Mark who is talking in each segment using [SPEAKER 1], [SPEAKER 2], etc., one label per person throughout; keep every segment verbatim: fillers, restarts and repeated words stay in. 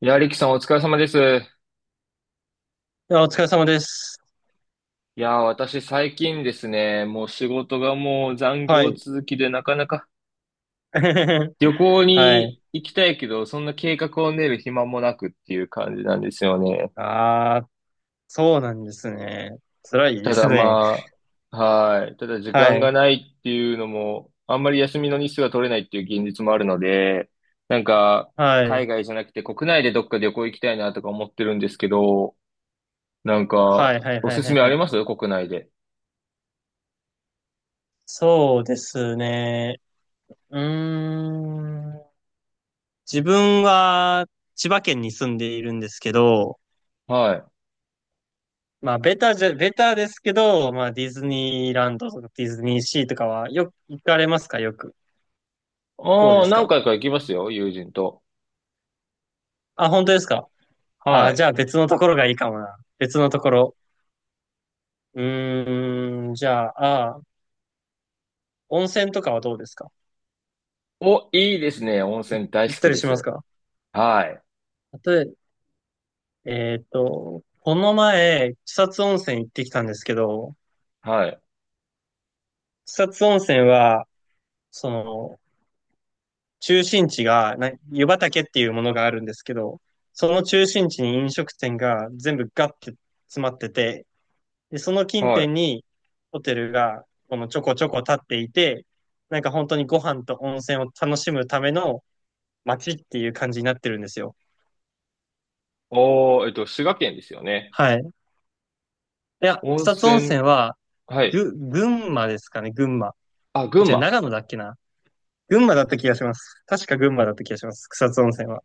[SPEAKER 1] いや、リキさんお疲れ様です。
[SPEAKER 2] いや、お疲れ様です。
[SPEAKER 1] いや、私最近ですね、もう仕事がもう残
[SPEAKER 2] は
[SPEAKER 1] 業
[SPEAKER 2] い。
[SPEAKER 1] 続きでなかなか旅行
[SPEAKER 2] はい。
[SPEAKER 1] に行きたいけど、そんな計画を練る暇もなくっていう感じなんですよね。
[SPEAKER 2] ああ、そうなんですね。辛いで
[SPEAKER 1] た
[SPEAKER 2] す
[SPEAKER 1] だ
[SPEAKER 2] ね。
[SPEAKER 1] まあ、はい。ただ時
[SPEAKER 2] は
[SPEAKER 1] 間が
[SPEAKER 2] い。
[SPEAKER 1] ないっていうのも、あんまり休みの日数が取れないっていう現実もあるので、なんか、
[SPEAKER 2] はい。
[SPEAKER 1] 海外じゃなくて国内でどっか旅行行きたいなとか思ってるんですけど、なん
[SPEAKER 2] は
[SPEAKER 1] か、
[SPEAKER 2] い、はい、
[SPEAKER 1] お
[SPEAKER 2] は
[SPEAKER 1] す
[SPEAKER 2] い、
[SPEAKER 1] す
[SPEAKER 2] はい、
[SPEAKER 1] めあ
[SPEAKER 2] は
[SPEAKER 1] り
[SPEAKER 2] い。
[SPEAKER 1] ます国内で。
[SPEAKER 2] そうですね。うーん。自分は千葉県に住んでいるんですけど、
[SPEAKER 1] はい。
[SPEAKER 2] まあ、ベタじゃ、ベタですけど、まあ、ディズニーランドとかディズニーシーとかはよく行かれますか？よく。どう
[SPEAKER 1] あ
[SPEAKER 2] で
[SPEAKER 1] あ、
[SPEAKER 2] す
[SPEAKER 1] 何
[SPEAKER 2] か？
[SPEAKER 1] 回か行きますよ、友人と。
[SPEAKER 2] あ、本当ですか？
[SPEAKER 1] は
[SPEAKER 2] あ、
[SPEAKER 1] い。
[SPEAKER 2] じゃあ別のところがいいかもな。別のところ。うーん、じゃあ、あー温泉とかはどうですか？
[SPEAKER 1] お、いいですね。温
[SPEAKER 2] い
[SPEAKER 1] 泉大好
[SPEAKER 2] 行った
[SPEAKER 1] き
[SPEAKER 2] り
[SPEAKER 1] で
[SPEAKER 2] します
[SPEAKER 1] す。
[SPEAKER 2] か？
[SPEAKER 1] はい。
[SPEAKER 2] 例え、えーっと、この前、草津温泉行ってきたんですけど、
[SPEAKER 1] はい。
[SPEAKER 2] 草津温泉は、その、中心地が、な、湯畑っていうものがあるんですけど、その中心地に飲食店が全部ガッて詰まってて、で、その近
[SPEAKER 1] は
[SPEAKER 2] 辺
[SPEAKER 1] い。
[SPEAKER 2] にホテルが、このちょこちょこ立っていて、なんか本当にご飯と温泉を楽しむための街っていう感じになってるんですよ。
[SPEAKER 1] おー、えっと、滋賀県ですよね。
[SPEAKER 2] はい。いや、
[SPEAKER 1] 温
[SPEAKER 2] 草津温泉
[SPEAKER 1] 泉、
[SPEAKER 2] は、
[SPEAKER 1] はい。
[SPEAKER 2] ぐ、群馬ですかね、群馬。
[SPEAKER 1] あ、群
[SPEAKER 2] 違う、
[SPEAKER 1] 馬。
[SPEAKER 2] 長野だっけな。群馬だった気がします。確か群馬だった気がします。草津温泉は。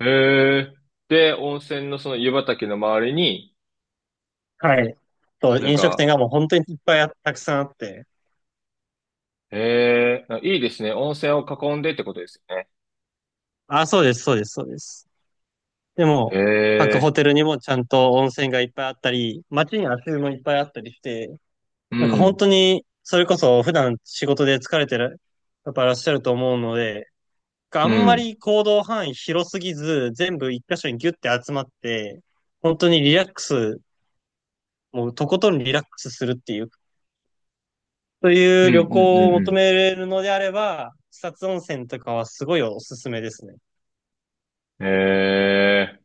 [SPEAKER 1] へえ。で、温泉のその湯畑の周りに、
[SPEAKER 2] はい。と、
[SPEAKER 1] なん
[SPEAKER 2] 飲食
[SPEAKER 1] か、
[SPEAKER 2] 店がもう本当にいっぱいあたくさんあって。
[SPEAKER 1] へえ、いいですね。温泉を囲んでってことですよね。
[SPEAKER 2] あ、そうです、そうです、そうです。で
[SPEAKER 1] へ
[SPEAKER 2] も、各ホ
[SPEAKER 1] え。
[SPEAKER 2] テルにもちゃんと温泉がいっぱいあったり、街に足湯もいっぱいあったりして、
[SPEAKER 1] う
[SPEAKER 2] なんか本
[SPEAKER 1] ん。
[SPEAKER 2] 当に、それこそ普段仕事で疲れてる、やっぱいらっしゃると思うので、あ
[SPEAKER 1] う
[SPEAKER 2] んま
[SPEAKER 1] ん。
[SPEAKER 2] り行動範囲広すぎず、全部一箇所にギュッて集まって、本当にリラックス、もうとことんリラックスするっていう、そう
[SPEAKER 1] う
[SPEAKER 2] いう
[SPEAKER 1] ん、
[SPEAKER 2] 旅
[SPEAKER 1] うん、う
[SPEAKER 2] 行を
[SPEAKER 1] ん、う
[SPEAKER 2] 求
[SPEAKER 1] ん。
[SPEAKER 2] めれるのであれば、草津温泉とかはすごいおすすめですね。
[SPEAKER 1] へえ。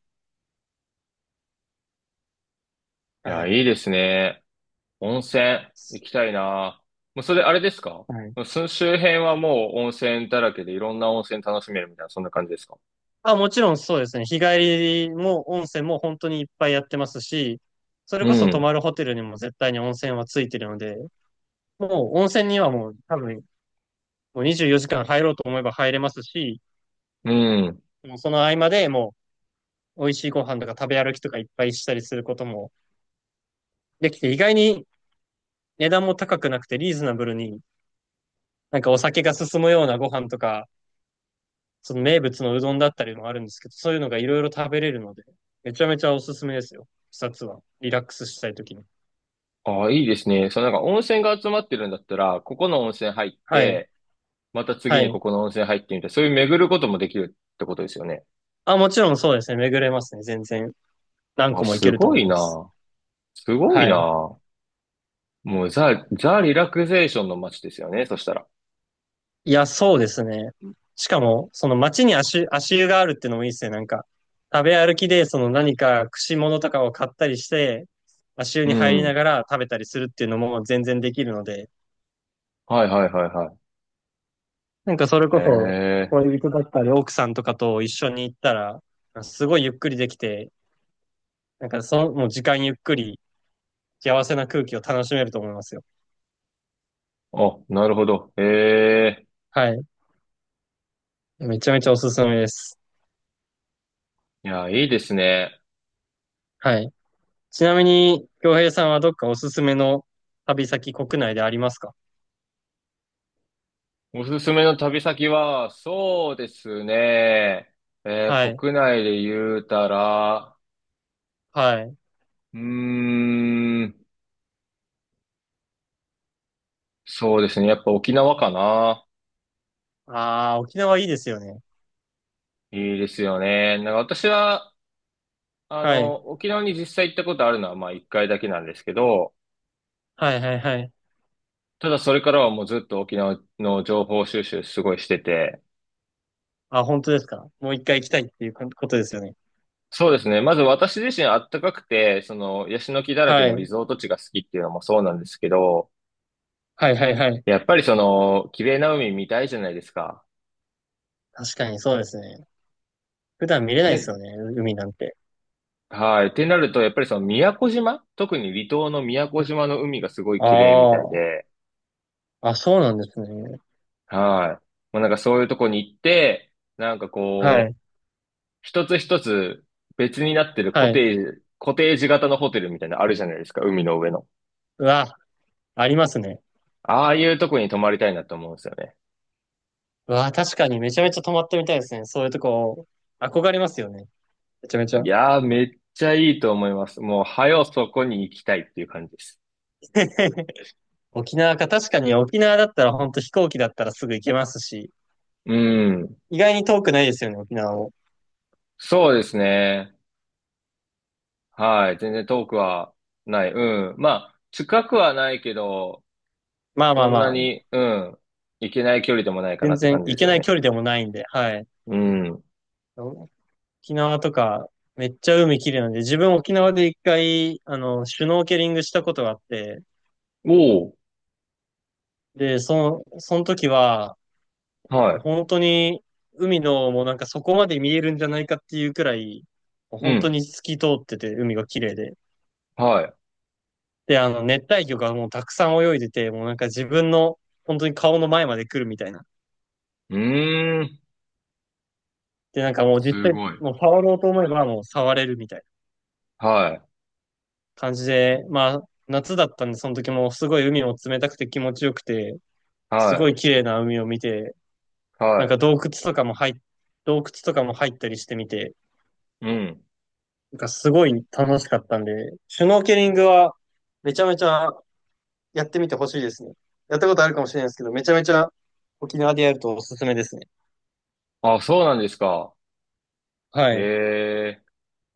[SPEAKER 1] い
[SPEAKER 2] は
[SPEAKER 1] や、
[SPEAKER 2] い。
[SPEAKER 1] いいですね。温泉行きたいな。もうそれあれですか？
[SPEAKER 2] はい。
[SPEAKER 1] その周辺はもう温泉だらけでいろんな温泉楽しめるみたいな、そんな感じですか？
[SPEAKER 2] あ、もちろんそうですね。日帰りも温泉も本当にいっぱいやってますし、それ
[SPEAKER 1] う
[SPEAKER 2] こそ泊
[SPEAKER 1] ん。
[SPEAKER 2] まるホテルにも絶対に温泉はついてるので、もう温泉にはもう多分もうにじゅうよじかん入ろうと思えば入れますし、
[SPEAKER 1] うん。
[SPEAKER 2] もうその合間でもう美味しいご飯とか食べ歩きとかいっぱいしたりすることもできて、意外に値段も高くなくてリーズナブルに、なんかお酒が進むようなご飯とか、その名物のうどんだったりもあるんですけど、そういうのがいろいろ食べれるので、めちゃめちゃおすすめですよ。視察は。リラックスしたいときに。
[SPEAKER 1] ああ、いいですね。そのなんか温泉が集まってるんだったら、ここの温泉入っ
[SPEAKER 2] はい。
[SPEAKER 1] て、また
[SPEAKER 2] は
[SPEAKER 1] 次に
[SPEAKER 2] い。
[SPEAKER 1] ここの温泉入ってみたいな、そういう巡ることもできるってことですよね。
[SPEAKER 2] あ、もちろんそうですね。巡れますね。全然。何
[SPEAKER 1] あ、
[SPEAKER 2] 個もい
[SPEAKER 1] す
[SPEAKER 2] けると
[SPEAKER 1] ご
[SPEAKER 2] 思い
[SPEAKER 1] い
[SPEAKER 2] ます。
[SPEAKER 1] な。すごい
[SPEAKER 2] はい。
[SPEAKER 1] な。もうザ、ザ・リラクゼーションの街ですよね、そしたら。
[SPEAKER 2] いや、そうですね。しかも、その街に足、足湯があるってのもいいですね。なんか、食べ歩きで、その何か串物とかを買ったりして、足湯
[SPEAKER 1] う
[SPEAKER 2] に入りな
[SPEAKER 1] ん。
[SPEAKER 2] がら食べたりするっていうのも全然できるので、
[SPEAKER 1] はいはいはいは
[SPEAKER 2] なんかそれ
[SPEAKER 1] い。へ
[SPEAKER 2] こそ、
[SPEAKER 1] え。
[SPEAKER 2] 恋人だったり奥さんとかと一緒に行ったら、すごいゆっくりできて、なんかその、もう時間ゆっくり、幸せな空気を楽しめると思いますよ。
[SPEAKER 1] あ、なるほど。へえ。
[SPEAKER 2] はい。めちゃめちゃおすすめです。
[SPEAKER 1] いや、いいですね。
[SPEAKER 2] はい。ちなみに、京平さんはどっかおすすめの旅先国内でありますか？
[SPEAKER 1] おすすめの旅先は、そうですね。え
[SPEAKER 2] は
[SPEAKER 1] ー
[SPEAKER 2] い。
[SPEAKER 1] 国内で言うたら、
[SPEAKER 2] はい。
[SPEAKER 1] うーん、そうですね。やっぱ沖縄かな。
[SPEAKER 2] ああ、沖縄いいですよね。
[SPEAKER 1] いいですよね。なんか私は、あ
[SPEAKER 2] はい。
[SPEAKER 1] の、沖縄に実際行ったことあるのは、まあ一回だけなんですけど、
[SPEAKER 2] はいはいはい。
[SPEAKER 1] ただそれからはもうずっと沖縄の情報収集すごいしてて、
[SPEAKER 2] あ、本当ですか。もう一回行きたいっていうこことですよね。
[SPEAKER 1] そうですね。まず私自身あったかくて、その、ヤシの木だらけ
[SPEAKER 2] は
[SPEAKER 1] のリ
[SPEAKER 2] い。
[SPEAKER 1] ゾート地が好きっていうのもそうなんですけど、
[SPEAKER 2] はいはいはい。
[SPEAKER 1] やっぱりその、綺麗な海見たいじゃないですか。
[SPEAKER 2] 確かにそうですね。普段見れないですよ
[SPEAKER 1] て、
[SPEAKER 2] ね、う海なんて。
[SPEAKER 1] はい。ってなると、やっぱりその宮古島、特に離島の宮古島の海がすごい綺麗みたい
[SPEAKER 2] あ
[SPEAKER 1] で、
[SPEAKER 2] あ、あ、そうなんですね。
[SPEAKER 1] はい。もうなんかそういうとこに行って、なんか
[SPEAKER 2] は
[SPEAKER 1] こう、
[SPEAKER 2] い。
[SPEAKER 1] 一つ一つ別になってるコ
[SPEAKER 2] はい。
[SPEAKER 1] テージ、コテージ型のホテルみたいなのあるじゃないですか、海の上の。
[SPEAKER 2] うわ、ありますね。
[SPEAKER 1] ああいうとこに泊まりたいなと思うんですよね。
[SPEAKER 2] うわ、確かにめちゃめちゃ泊まってみたいですね。そういうとこ、憧れますよね。めちゃめち
[SPEAKER 1] い
[SPEAKER 2] ゃ。
[SPEAKER 1] やー、めっちゃいいと思います。もう、はよそこに行きたいっていう感じです。
[SPEAKER 2] 沖縄か、確かに沖縄だったら本当飛行機だったらすぐ行けますし、
[SPEAKER 1] うん。
[SPEAKER 2] 意外に遠くないですよね、沖縄も。
[SPEAKER 1] そうですね。はい。全然遠くはない。うん。まあ、近くはないけど、
[SPEAKER 2] まあま
[SPEAKER 1] そ
[SPEAKER 2] あ
[SPEAKER 1] ん
[SPEAKER 2] ま
[SPEAKER 1] な
[SPEAKER 2] あ
[SPEAKER 1] に、うん。行けない距離でもないかな
[SPEAKER 2] 全
[SPEAKER 1] って
[SPEAKER 2] 然
[SPEAKER 1] 感じ
[SPEAKER 2] 行
[SPEAKER 1] です
[SPEAKER 2] け
[SPEAKER 1] よ
[SPEAKER 2] ない距
[SPEAKER 1] ね。
[SPEAKER 2] 離でもないんで、はい。
[SPEAKER 1] うん。
[SPEAKER 2] 沖縄とか、めっちゃ海綺麗なんで、自分沖縄で一回、あの、シュノーケリングしたことがあって、
[SPEAKER 1] おお。
[SPEAKER 2] で、その、その時は、もう
[SPEAKER 1] は
[SPEAKER 2] 本当に、海の、もうなんかそこまで見えるんじゃないかっていうくらい、もう
[SPEAKER 1] い。う
[SPEAKER 2] 本当
[SPEAKER 1] ん。
[SPEAKER 2] に透き通ってて、海が綺麗で。
[SPEAKER 1] はい。
[SPEAKER 2] で、あの、熱帯魚がもうたくさん泳いでて、もうなんか自分の、本当に顔の前まで来るみたいな。
[SPEAKER 1] うーん。
[SPEAKER 2] で、なんかもう実
[SPEAKER 1] す
[SPEAKER 2] 際、
[SPEAKER 1] ごい。
[SPEAKER 2] もう触ろうと思えばもう触れるみたいな
[SPEAKER 1] はい。
[SPEAKER 2] 感じで、まあ、夏だったんで、その時もすごい海も冷たくて気持ちよくて、すご
[SPEAKER 1] は
[SPEAKER 2] い綺麗な海を見て、
[SPEAKER 1] い。
[SPEAKER 2] なん
[SPEAKER 1] は
[SPEAKER 2] か洞窟とかも入っ、洞窟とかも入ったりしてみて、
[SPEAKER 1] い。うん。
[SPEAKER 2] なんかすごい楽しかったんで、シュノーケリングはめちゃめちゃやってみてほしいですね。やったことあるかもしれないですけど、めちゃめちゃ沖縄でやるとおすすめですね。
[SPEAKER 1] あ、そうなんですか。
[SPEAKER 2] はい。
[SPEAKER 1] ええ。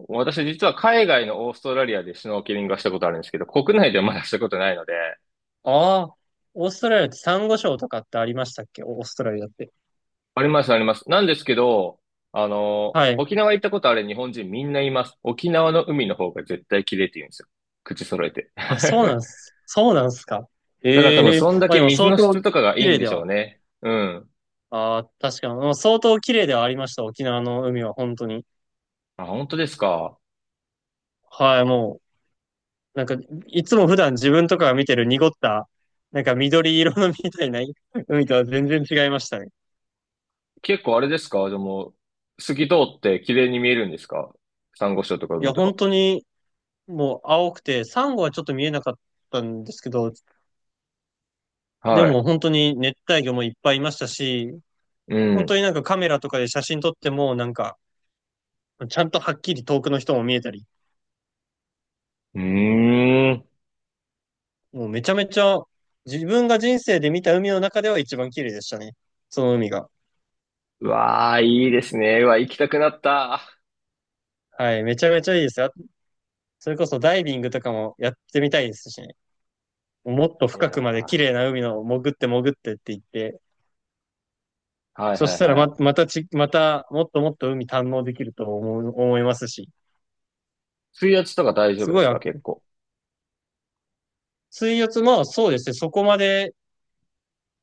[SPEAKER 1] 私実は海外のオーストラリアでシュノーケリングはしたことあるんですけど、国内ではまだしたことないので、
[SPEAKER 2] ああ、オーストラリアってサンゴ礁とかってありましたっけ？オーストラリアって。
[SPEAKER 1] あります、あります。なんですけど、あの、
[SPEAKER 2] はい。
[SPEAKER 1] 沖縄行ったことある日本人みんな言います。沖縄の海の方が絶対綺麗って言うんですよ。口揃えて。
[SPEAKER 2] あ、そうな
[SPEAKER 1] だ
[SPEAKER 2] んす。そうなんすか。
[SPEAKER 1] から多分
[SPEAKER 2] ええ
[SPEAKER 1] そんだ
[SPEAKER 2] まあ
[SPEAKER 1] け
[SPEAKER 2] でも
[SPEAKER 1] 水
[SPEAKER 2] 相
[SPEAKER 1] の質
[SPEAKER 2] 当
[SPEAKER 1] とかがい
[SPEAKER 2] 綺
[SPEAKER 1] いん
[SPEAKER 2] 麗
[SPEAKER 1] で
[SPEAKER 2] で
[SPEAKER 1] しょう
[SPEAKER 2] は、
[SPEAKER 1] ね。うん。
[SPEAKER 2] ああ、確かに、もう相当綺麗ではありました、沖縄の海は、本当に。
[SPEAKER 1] あ、本当ですか。
[SPEAKER 2] はい、もう、なんか、いつも普段自分とかが見てる濁った、なんか緑色のみたいな 海とは全然違いましたね。
[SPEAKER 1] 結構あれですかでも、透き通って綺麗に見えるんですか？珊瑚礁とか
[SPEAKER 2] い
[SPEAKER 1] 海
[SPEAKER 2] や、
[SPEAKER 1] とか。
[SPEAKER 2] 本当に、もう青くて、サンゴはちょっと見えなかったんですけど、で
[SPEAKER 1] はい。
[SPEAKER 2] も本当に熱帯魚もいっぱいいましたし、
[SPEAKER 1] う
[SPEAKER 2] 本当
[SPEAKER 1] ん。
[SPEAKER 2] になんかカメラとかで写真撮っても、なんか、ちゃんとはっきり遠くの人も見えたり、
[SPEAKER 1] うーん。
[SPEAKER 2] もうめちゃめちゃ自分が人生で見た海の中では一番綺麗でしたね。その海が。
[SPEAKER 1] うわあ、いいですね。うわ、行きたくなった。
[SPEAKER 2] はい、めちゃめちゃいいですよ。それこそダイビングとかもやってみたいですしね。もっと
[SPEAKER 1] い
[SPEAKER 2] 深くまで綺
[SPEAKER 1] やー、
[SPEAKER 2] 麗な海の潜って潜ってって言って、
[SPEAKER 1] はい
[SPEAKER 2] そ
[SPEAKER 1] は
[SPEAKER 2] し
[SPEAKER 1] い
[SPEAKER 2] たら
[SPEAKER 1] は
[SPEAKER 2] ま、
[SPEAKER 1] い。
[SPEAKER 2] またち、またもっともっと海堪能できると思う、思いますし。
[SPEAKER 1] 水圧とか大丈
[SPEAKER 2] す
[SPEAKER 1] 夫で
[SPEAKER 2] ごい、
[SPEAKER 1] す
[SPEAKER 2] あ
[SPEAKER 1] か結構。
[SPEAKER 2] 水圧、まあそうですね、そこまで、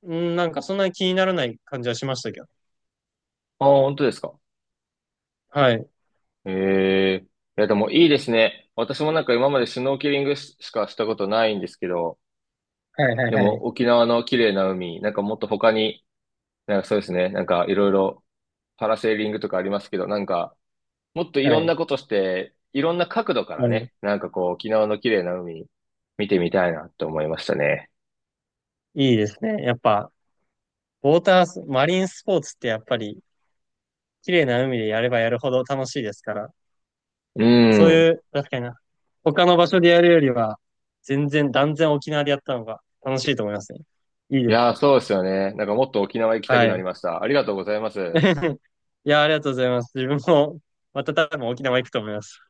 [SPEAKER 2] うん、なんかそんなに気にならない感じはしましたけど。
[SPEAKER 1] ああ、本当ですか。
[SPEAKER 2] はい。
[SPEAKER 1] ええ、いや、でもいいですね。私もなんか今までシュノーケリングししかしたことないんですけど、
[SPEAKER 2] はいはい
[SPEAKER 1] で
[SPEAKER 2] は
[SPEAKER 1] も
[SPEAKER 2] い。
[SPEAKER 1] 沖縄の綺麗な海、なんかもっと他に、なんかそうですね、なんかいろいろパラセーリングとかありますけど、なんかもっといろ
[SPEAKER 2] は
[SPEAKER 1] ん
[SPEAKER 2] い。
[SPEAKER 1] なことして、いろんな角度から
[SPEAKER 2] うん、
[SPEAKER 1] ね、なんかこう沖縄の綺麗な海見てみたいなって思いましたね。
[SPEAKER 2] いいですね。やっぱ、ウォータース、マリンスポーツってやっぱり綺麗な海でやればやるほど楽しいですから、
[SPEAKER 1] う
[SPEAKER 2] そうい
[SPEAKER 1] ん。
[SPEAKER 2] う、確かにな、他の場所でやるよりは、全然、断然沖縄でやったのが楽しいと思いますね。いい
[SPEAKER 1] い
[SPEAKER 2] です
[SPEAKER 1] や、
[SPEAKER 2] ね。
[SPEAKER 1] そうですよね。なんかもっと沖縄行きたく
[SPEAKER 2] は
[SPEAKER 1] なり
[SPEAKER 2] い。
[SPEAKER 1] ました。ありがとうございます。
[SPEAKER 2] いや、ありがとうございます。自分も、また多分沖縄行くと思います。